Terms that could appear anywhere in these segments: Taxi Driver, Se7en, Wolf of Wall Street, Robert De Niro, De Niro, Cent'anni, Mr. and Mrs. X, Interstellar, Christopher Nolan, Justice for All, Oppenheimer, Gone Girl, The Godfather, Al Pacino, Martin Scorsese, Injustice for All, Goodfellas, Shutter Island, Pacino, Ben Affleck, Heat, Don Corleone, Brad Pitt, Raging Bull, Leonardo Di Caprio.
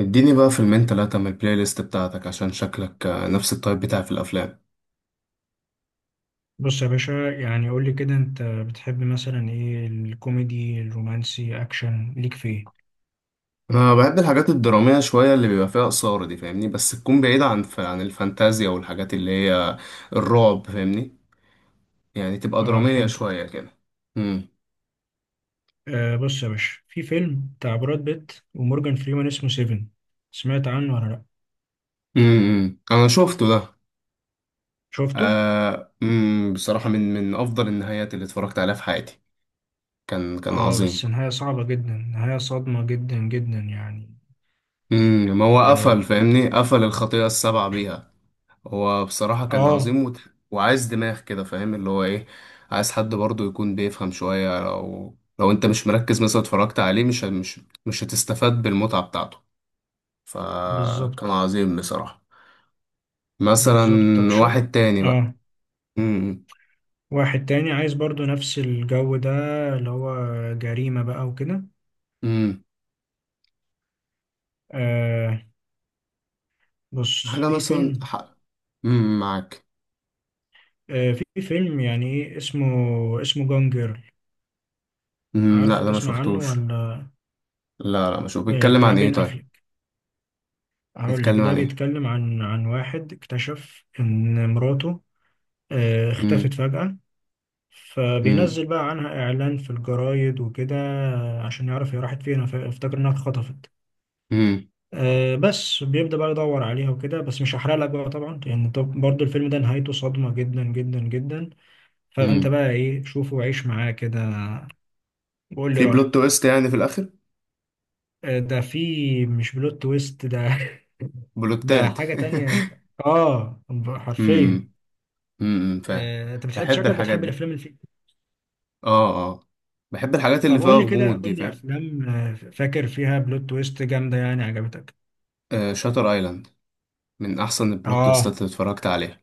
اديني بقى فيلمين تلاتة من البلاي ليست بتاعتك عشان شكلك نفس التايب بتاعي في الأفلام. بص يا باشا، يعني قول لي كده انت بتحب مثلا ايه؟ الكوميدي، الرومانسي، اكشن، ليك في ايه؟ أنا بحب الحاجات الدرامية شوية اللي بيبقى فيها إثارة دي، فاهمني؟ بس تكون بعيدة عن الفانتازيا والحاجات اللي هي الرعب، فاهمني؟ يعني تبقى اه، درامية فهمتك. شوية كده. مم. آه بص يا باشا، في فيلم بتاع براد بيت ومورجان فريمان اسمه سيفن. سمعت عنه ولا لا؟ أنا شفته ده. شفته. آه، مم. بصراحة من أفضل النهايات اللي اتفرجت عليها في حياتي. كان اه عظيم. بس نهاية صعبة جدا، نهاية صادمة جدا جدا يعني. ما هو اه. قفل، فاهمني؟ قفل الخطيئة السبعة بيها. هو بصراحة كان آه عظيم. وعايز دماغ كده، فاهم اللي هو ايه. عايز حد برضه يكون بيفهم شوية، لو انت مش مركز مثلا، اتفرجت عليه مش ه- مش مش هتستفاد بالمتعة بتاعته. فكان بالظبط. عظيم بصراحة. مثلا. بالظبط طب شو. واحد تاني بقى. اه. امم. واحد تاني عايز برضو نفس الجو ده، اللي هو جريمة بقى وكده. امم. آه بص حاجة في مثلا فيلم، ح... معاك. في فيلم يعني ايه اسمه؟ اسمه جون جيرل. لا، عارفه؟ ده ما تسمع عنه شفتوش. ولا؟ لا، لا، ما شوف. بيتكلم بتاع عن ايه؟ بين طيب. افليك. هقول بيتكلم لك ده عن ايه؟ بيتكلم عن واحد اكتشف ان مراته امم. اختفت فجأة. امم. فبينزل بقى عنها اعلان في الجرايد وكده، عشان يعرف هي راحت فين. افتكر انها اتخطفت. امم. بس بيبدأ بقى يدور عليها وكده، بس مش هحرق لك بقى طبعا، لان طب برضه الفيلم ده نهايته صدمة جدا جدا جدا. فانت امم. بقى ايه، شوفه وعيش معاه كده وقول لي في بلوت رأيك. تويست يعني في الاخر؟ ده في مش بلوت تويست ده. ده بلوتات. حاجة تانية. اه، حرفيا. امم فاهم. انت بتحب، بحب شكلك الحاجات بتحب دي. الافلام اللي فيها؟ اه، اه، بحب الحاجات اللي طب فيها قول لي كده، غموض قول دي، لي فاهم. افلام فاكر فيها بلوت تويست جامدة يعني عجبتك؟ آه، شاتر ايلاند. من احسن البلوت اه. تويستات اللي اتفرجت عليها.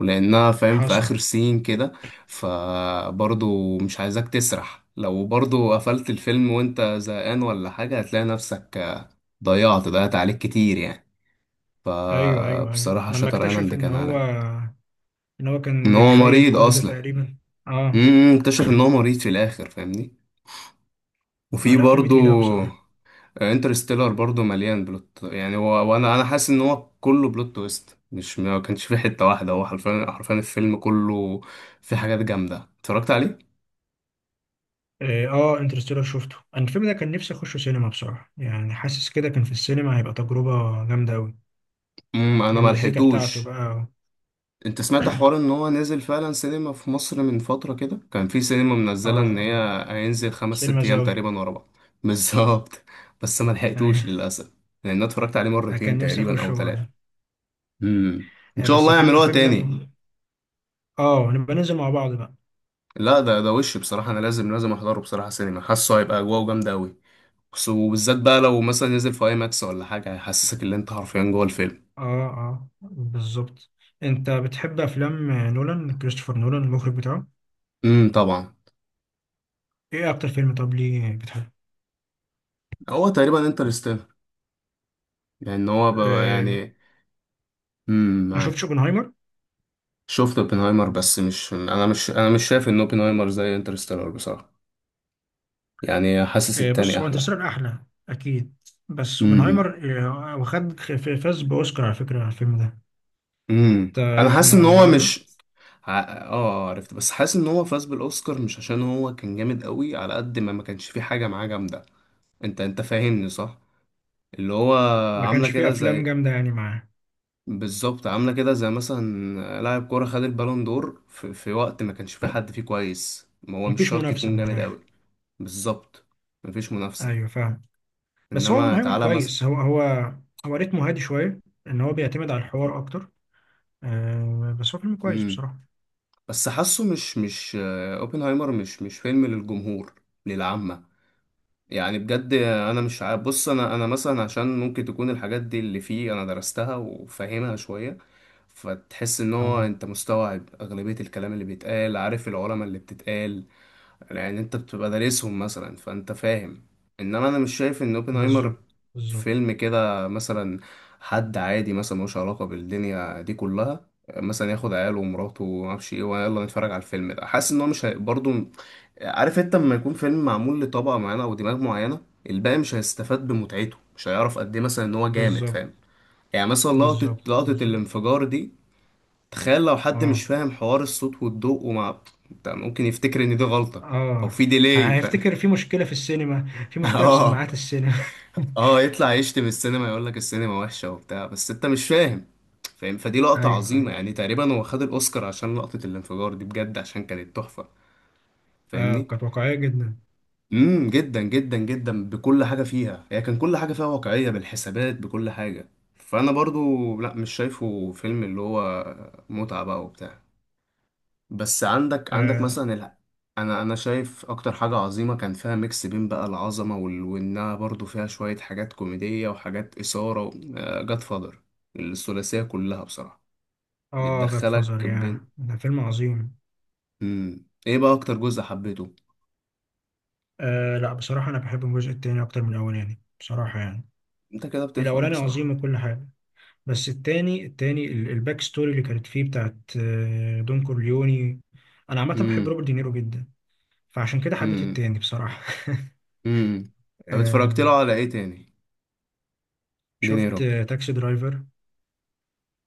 ولانها، فاهم، في حصل. اخر سين كده. فبرضو مش عايزاك تسرح، لو برضو قفلت الفيلم وانت زهقان ولا حاجة هتلاقي نفسك. ضيعت عليك كتير يعني. ايوه ايوه ايوه، فبصراحة لما شاتر اكتشف ايلاند ان كان هو عالمي. ان هو ان كان هو بيتخيل مريض كل ده اصلا. تقريبا. اه. اكتشف ان هو مريض في الاخر، فاهمني. وفي آه لا، فيلم برضو. تقيل قوي بصراحة. انترستيلر برضو مليان بلوت، يعني هو وانا انا حاسس ان هو كله بلوت تويست، مش ما كانش فيه حته واحده، هو حرفيا حرفيا الفيلم كله. فيه حاجات جامده اتفرجت عليه. اه. آه انترستيلر شفته انا. الفيلم ده كان نفسي اخشه سينما بصراحة، يعني حاسس كده كان في السينما هيبقى تجربة جامدة قوي انا ما بالمزيكا بتاعته لحقتوش. بقى. انت سمعت حوار ان هو نزل فعلا سينما في مصر من فتره كده، كان في سينما اه منزله ان آه. هي هينزل خمس سينما ست ايام زاوية. تقريبا ورا بعض. بالظبط. بس ما لحقتوش ايوه. للاسف. لان انا اتفرجت عليه أنا مرتين كان نفسي تقريبا او اخشه ثلاثه. برضه. امم. ان شاء بس الله فيلم يعملوها الفيلم ده تاني. ب... اه نبقى ننزل مع بعض بقى. لا، ده وش بصراحة، أنا لازم أحضره بصراحة سينما، حاسه هيبقى أجواءه جامدة أوي. وبالذات بقى لو مثلا نزل في أي ماكس ولا حاجة، هيحسسك إن أنت حرفيا جوه الفيلم. اه اه بالظبط. انت بتحب افلام نولان، كريستوفر نولان المخرج بتاعه؟ طبعا. ايه اكتر فيلم؟ طب ليه بتحبه؟ هو تقريبا انترستيلر. لأن هو بقى آه. يعني. ما شفتش معاك. اوبنهايمر؟ شفت اوبنهايمر، بس مش شايف إن اوبنهايمر زي انترستيلر بصراحة. يعني حاسس آه التاني بص هو أحلى. انترستيلر احلى اكيد، بس امم. اوبنهايمر آه، واخد فاز باوسكار على فكرة على الفيلم ده. امم. انت أنا عرفت حاسس مع إن هو الموضوع ده؟ مش. اه، عرفت، بس حاسس ان هو فاز بالاوسكار مش عشان هو كان جامد قوي، على قد ما كانش فيه حاجه معاه جامده. انت فاهمني صح؟ اللي هو. ما عامله كانش فيه كده افلام زي. جامدة يعني معاه. بالظبط، عامله كده زي مثلا لاعب كوره خد البالون دور في وقت ما كانش فيه حد فيه كويس، ما هو مش مفيش شرط منافسة يكون من جامد الاخر. قوي. بالظبط. مفيش منافسه. ايوه فاهم. بس هو انما اوبنهايمر تعالى مثلا. كويس، هو هو ريتمه هادي شويه، ان هو بيعتمد على الحوار اكتر. آه بس هو فيلم كويس امم. بصراحه. بس حاسه مش اوبنهايمر مش فيلم للجمهور. للعامه. يعني بجد انا مش عارف، بص، انا مثلا عشان ممكن تكون الحاجات دي اللي فيه انا درستها وفاهمها شويه. فتحس ان هو اه انت مستوعب اغلبيه الكلام اللي بيتقال، عارف العلماء اللي بتتقال. لان انت بتبقى دارسهم مثلا فانت فاهم. انما انا مش شايف ان اوبنهايمر. بالظبط بالظبط. فيلم كده مثلا. حد عادي مثلا ملوش علاقه بالدنيا دي كلها. مثلا ياخد عياله ومراته ومعرفش ايه ويلا نتفرج على الفيلم ده، حاسس ان هو مش برضه. عارف انت لما يكون فيلم معمول لطبقه معينه او دماغ معينه. الباقي مش هيستفاد بمتعته، مش هيعرف قد ايه مثلا ان هو جامد، بالظبط فاهم. يعني مثلا لقطه بالظبط لقطه بالظبط. الانفجار دي. تخيل لو حد مش اه فاهم حوار الصوت والضوء ومع. ده ممكن يفتكر ان دي غلطة. او اه، في ديلي. هيفتكر في مشكله في السينما، في مشكله في اه، سماعات السينما. اه، يطلع يشتم السينما، يقول لك السينما وحشة وبتاع، بس انت مش فاهم. فاهم؟ فدي لقطة ايوه عظيمة، ايوه. يعني تقريبا هو خد الاوسكار عشان لقطة الانفجار دي بجد، عشان كانت تحفة. آه فاهمني. كانت واقعيه جدا. جدا جدا جدا بكل حاجة فيها، هي كان كل حاجة فيها واقعية بالحسابات بكل حاجة. فانا برضو لا، مش شايفه فيلم اللي هو. متعة بقى وبتاع. بس عندك اه مثلا. انا شايف اكتر حاجه عظيمه كان فيها ميكس بين بقى العظمه وانها برضو فيها شويه حاجات كوميديه وحاجات اثاره. جاد فادر. الثلاثيه كلها بصراحه. اه، جاد فازر، بتدخلك يا بين. ده فيلم عظيم. مم. ايه بقى اكتر جزء حبيته؟ آه لا، بصراحه انا بحب الجزء التاني اكتر من الاولاني بصراحه يعني. انت كده بتفهم الاولاني عظيم بصراحه. وكل حاجه، بس التاني، التاني الباك ستوري اللي كانت فيه بتاعت دون كورليوني. انا عامه بحب امم روبرت دينيرو جدا، فعشان كده حبيت امم التاني بصراحه. امم طب آه، اتفرجت له على ايه تاني؟ شفت دينيرو. تاكسي درايفر.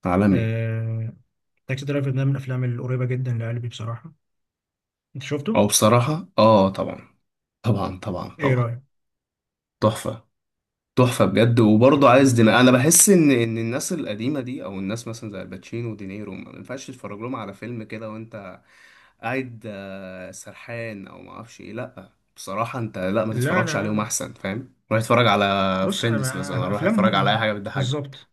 عالمي. آه، تاكسي درايفر ده من الافلام القريبه جدا لقلبي بصراحه. انت شفته؟ او بصراحه، اه، طبعا. طبعا، طبعا، ايه طبعا. رايك؟ تحفه. تحفة بجد، وبرضه تحفه عايز دماغ، فعلا. أنا بحس إن الناس القديمة دي أو الناس مثلا زي الباتشينو ودينيرو ما ينفعش تتفرج لهم على فيلم كده وأنت قاعد. سرحان أو ما أعرفش إيه، لأ. بصراحة أنت لأ، ما لا تتفرجش لا لا عليهم لا، أحسن، فاهم؟ روح اتفرج على. بص فريندز أنا- مثلا، روح اتفرج على أي افلامهم حاجة بتضحكك. بالظبط.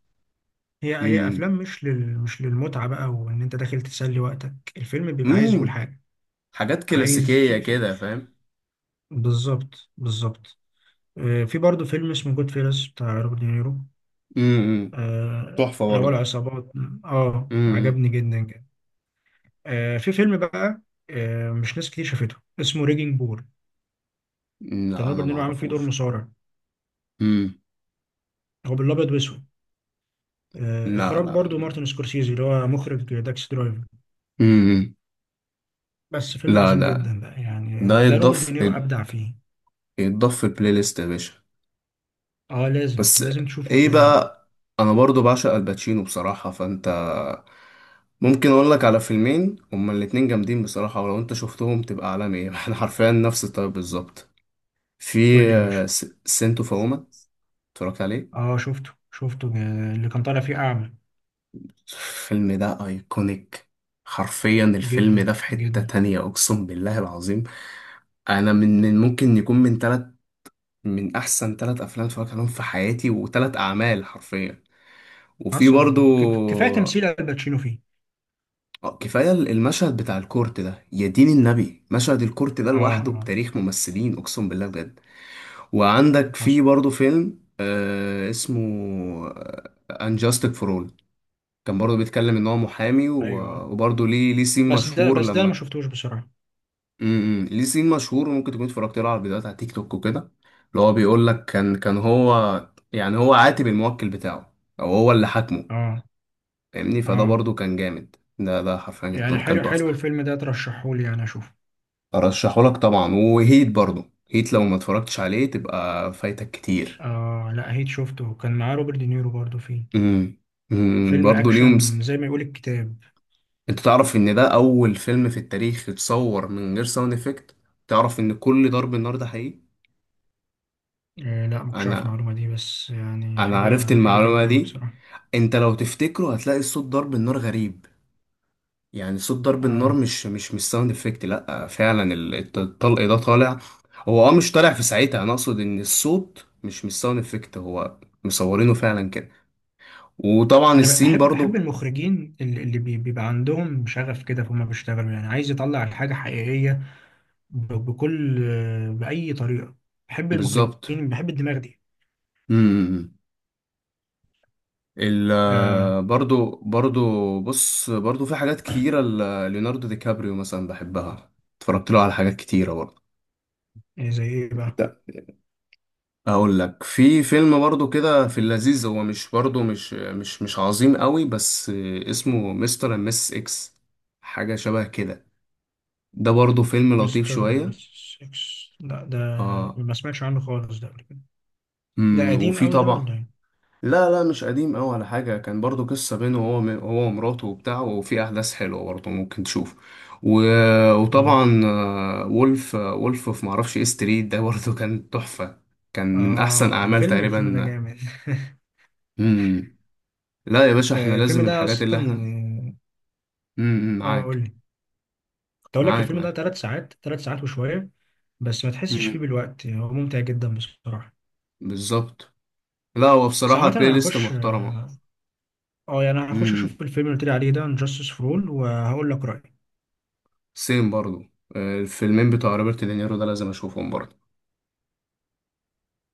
هي امم. افلام مش لل، مش للمتعه بقى وان انت داخل تسلي وقتك. الفيلم بيبقى عايز يقول امم. حاجه، حاجات عايز كلاسيكية في كده، فاهم. بالظبط بالظبط. في برضه فيلم اسمه جود فيلس بتاع روبرت دينيرو، امم. تحفة اللي هو برضه. العصابات. اه، امم عجبني جدا جدا. في فيلم بقى، مش ناس كتير شافته، اسمه ريجينج بول. كان لا، أنا روبرت ما دينيرو عامل فيه دور أعرفوش. مصارع. امم. هو بالابيض واسود. لا، اخراج لا. برضه مارتن سكورسيزي اللي هو مخرج داكس درايفر. امم. بس فيلم لا، عظيم ده. جدا بقى يعني. ده ده روبرت يتضاف. دينيرو ابدع فيه. يتضاف في البلاي ليست يا باشا. اه لازم بس. لازم تشوفه ايه وتقول لي رايك. بقى؟ انا برضو بعشق الباتشينو بصراحة، فانت. ممكن اقول لك على فيلمين هما الاتنين جامدين بصراحة، ولو انت شفتهم تبقى عالمي. احنا حرفيا نفس الطيب بالظبط. في قول لي يا باشا. سنتو فاوما. اتفرجت عليه؟ اه شفته شفته، اللي كان طالع فيه اعمى. الفيلم ده ايكونيك. حرفيا الفيلم جدا ده في حتة جدا. تانية، اقسم بالله العظيم. انا من ممكن يكون من 3، من احسن ثلاث افلام اتفرجت عليهم في حياتي وثلاث اعمال حرفيا. وفي حصل. برضو. هو كفايه تمثيل الباتشينو فيه. كفايه المشهد بتاع الكورت ده، يا دين النبي، مشهد الكورت ده اه لوحده اه. بتاريخ ممثلين، اقسم بالله بجد. وعندك في حصل. برضو فيلم اسمه. انجاستك فور اول. كان برضو بيتكلم ان هو محامي ايوه وبرضو ليه سين بس ده، مشهور بس ده أنا ما لما. شفتوش بصراحه. ليه سين مشهور، ممكن تكون اتفرجت له على الفيديوهات على تيك توك وكده. اللي هو بيقول لك كان هو يعني هو عاتب الموكل بتاعه. او هو اللي حاكمه. اه فاهمني؟ فده اه، برضو كان جامد، ده حرفيا يعني كان حلو حلو تحفه. الفيلم ده، ترشحه لي انا اشوفه. ارشحه لك طبعا، وهيت برضو. هيت لو ما اتفرجتش عليه تبقى فايتك كتير. اه لا، هيت شفته، كان معاه روبرت دينيرو برضو فيه. امم فيلم برضو ليهم. اكشن زي ما يقول الكتاب. انت تعرف ان ده اول فيلم في التاريخ اتصور من غير ساوند افكت؟ تعرف ان كل ضرب النار ده حقيقي؟ آه لا ما كنتش عارف انا. المعلومه دي، بس يعني انا عرفت حاجه حاجه المعلومه جامده قوي دي. بصراحه. انت لو تفتكره هتلاقي صوت ضرب النار غريب. يعني صوت ضرب النار اه، مش ساوند افكت، لا فعلا الطلق ده طالع. هو مش طالع في ساعتها، انا اقصد ان الصوت مش ساوند افكت، هو. مصورينه فعلا كده. وطبعا انا السين بحب، بحب برضو. المخرجين اللي بيبقى عندهم شغف كده، فهم بيشتغلوا يعني عايز يطلع الحاجه حقيقيه بكل، بأي طريقة. بحب المخرجين، بالظبط. بحب الدماغ دي. امم. ال. آه برضو. بص برضو في حاجات كتيرة. ليوناردو دي كابريو مثلا بحبها. اتفرجت له على حاجات كتيرة برضو. إيه زي إيه بقى؟ اقول لك في فيلم برضو كده في اللذيذ، هو مش برضو، مش عظيم قوي بس. اسمه مستر اند مس اكس. حاجه شبه كده. ده برضو فيلم لطيف مستر أند شويه. ميسيس إكس، لا ده اه. ما سمعتش عنه خالص ده قبل كده. ده قديم وفي قوي ده طبعا. ولا إيه؟ لا، لا، مش قديم قوي على حاجه، كان برضو قصه بينه هو ومراته وبتاع، وفي احداث حلوه برضو ممكن تشوف. و... آه. وطبعا وولف في معرفش ايه ستريت ده برضو كان تحفه. كان من احسن آه اعمال الفيلم الفيلم ده تقريبا. جامد. امم. لا يا باشا، احنا آه الفيلم لازم ده الحاجات اللي احنا. أصلا آه معاك. قول لي. كنت أقول لك معاك، الفيلم ده معاك. 3 ساعات، 3 ساعات وشوية، بس ما تحسش فيه امم. بالوقت، هو ممتع جدا بصراحة. بالظبط. لا، هو بس بصراحة عامة بلاي أنا ليست هخش محترمة. اه، يعني هخش امم. أشوف الفيلم اللي قلت لي عليه ده Justice for All وهقول لك رأيي. سيم برضو. الفيلمين بتوع روبرت دينيرو ده لازم اشوفهم برضو.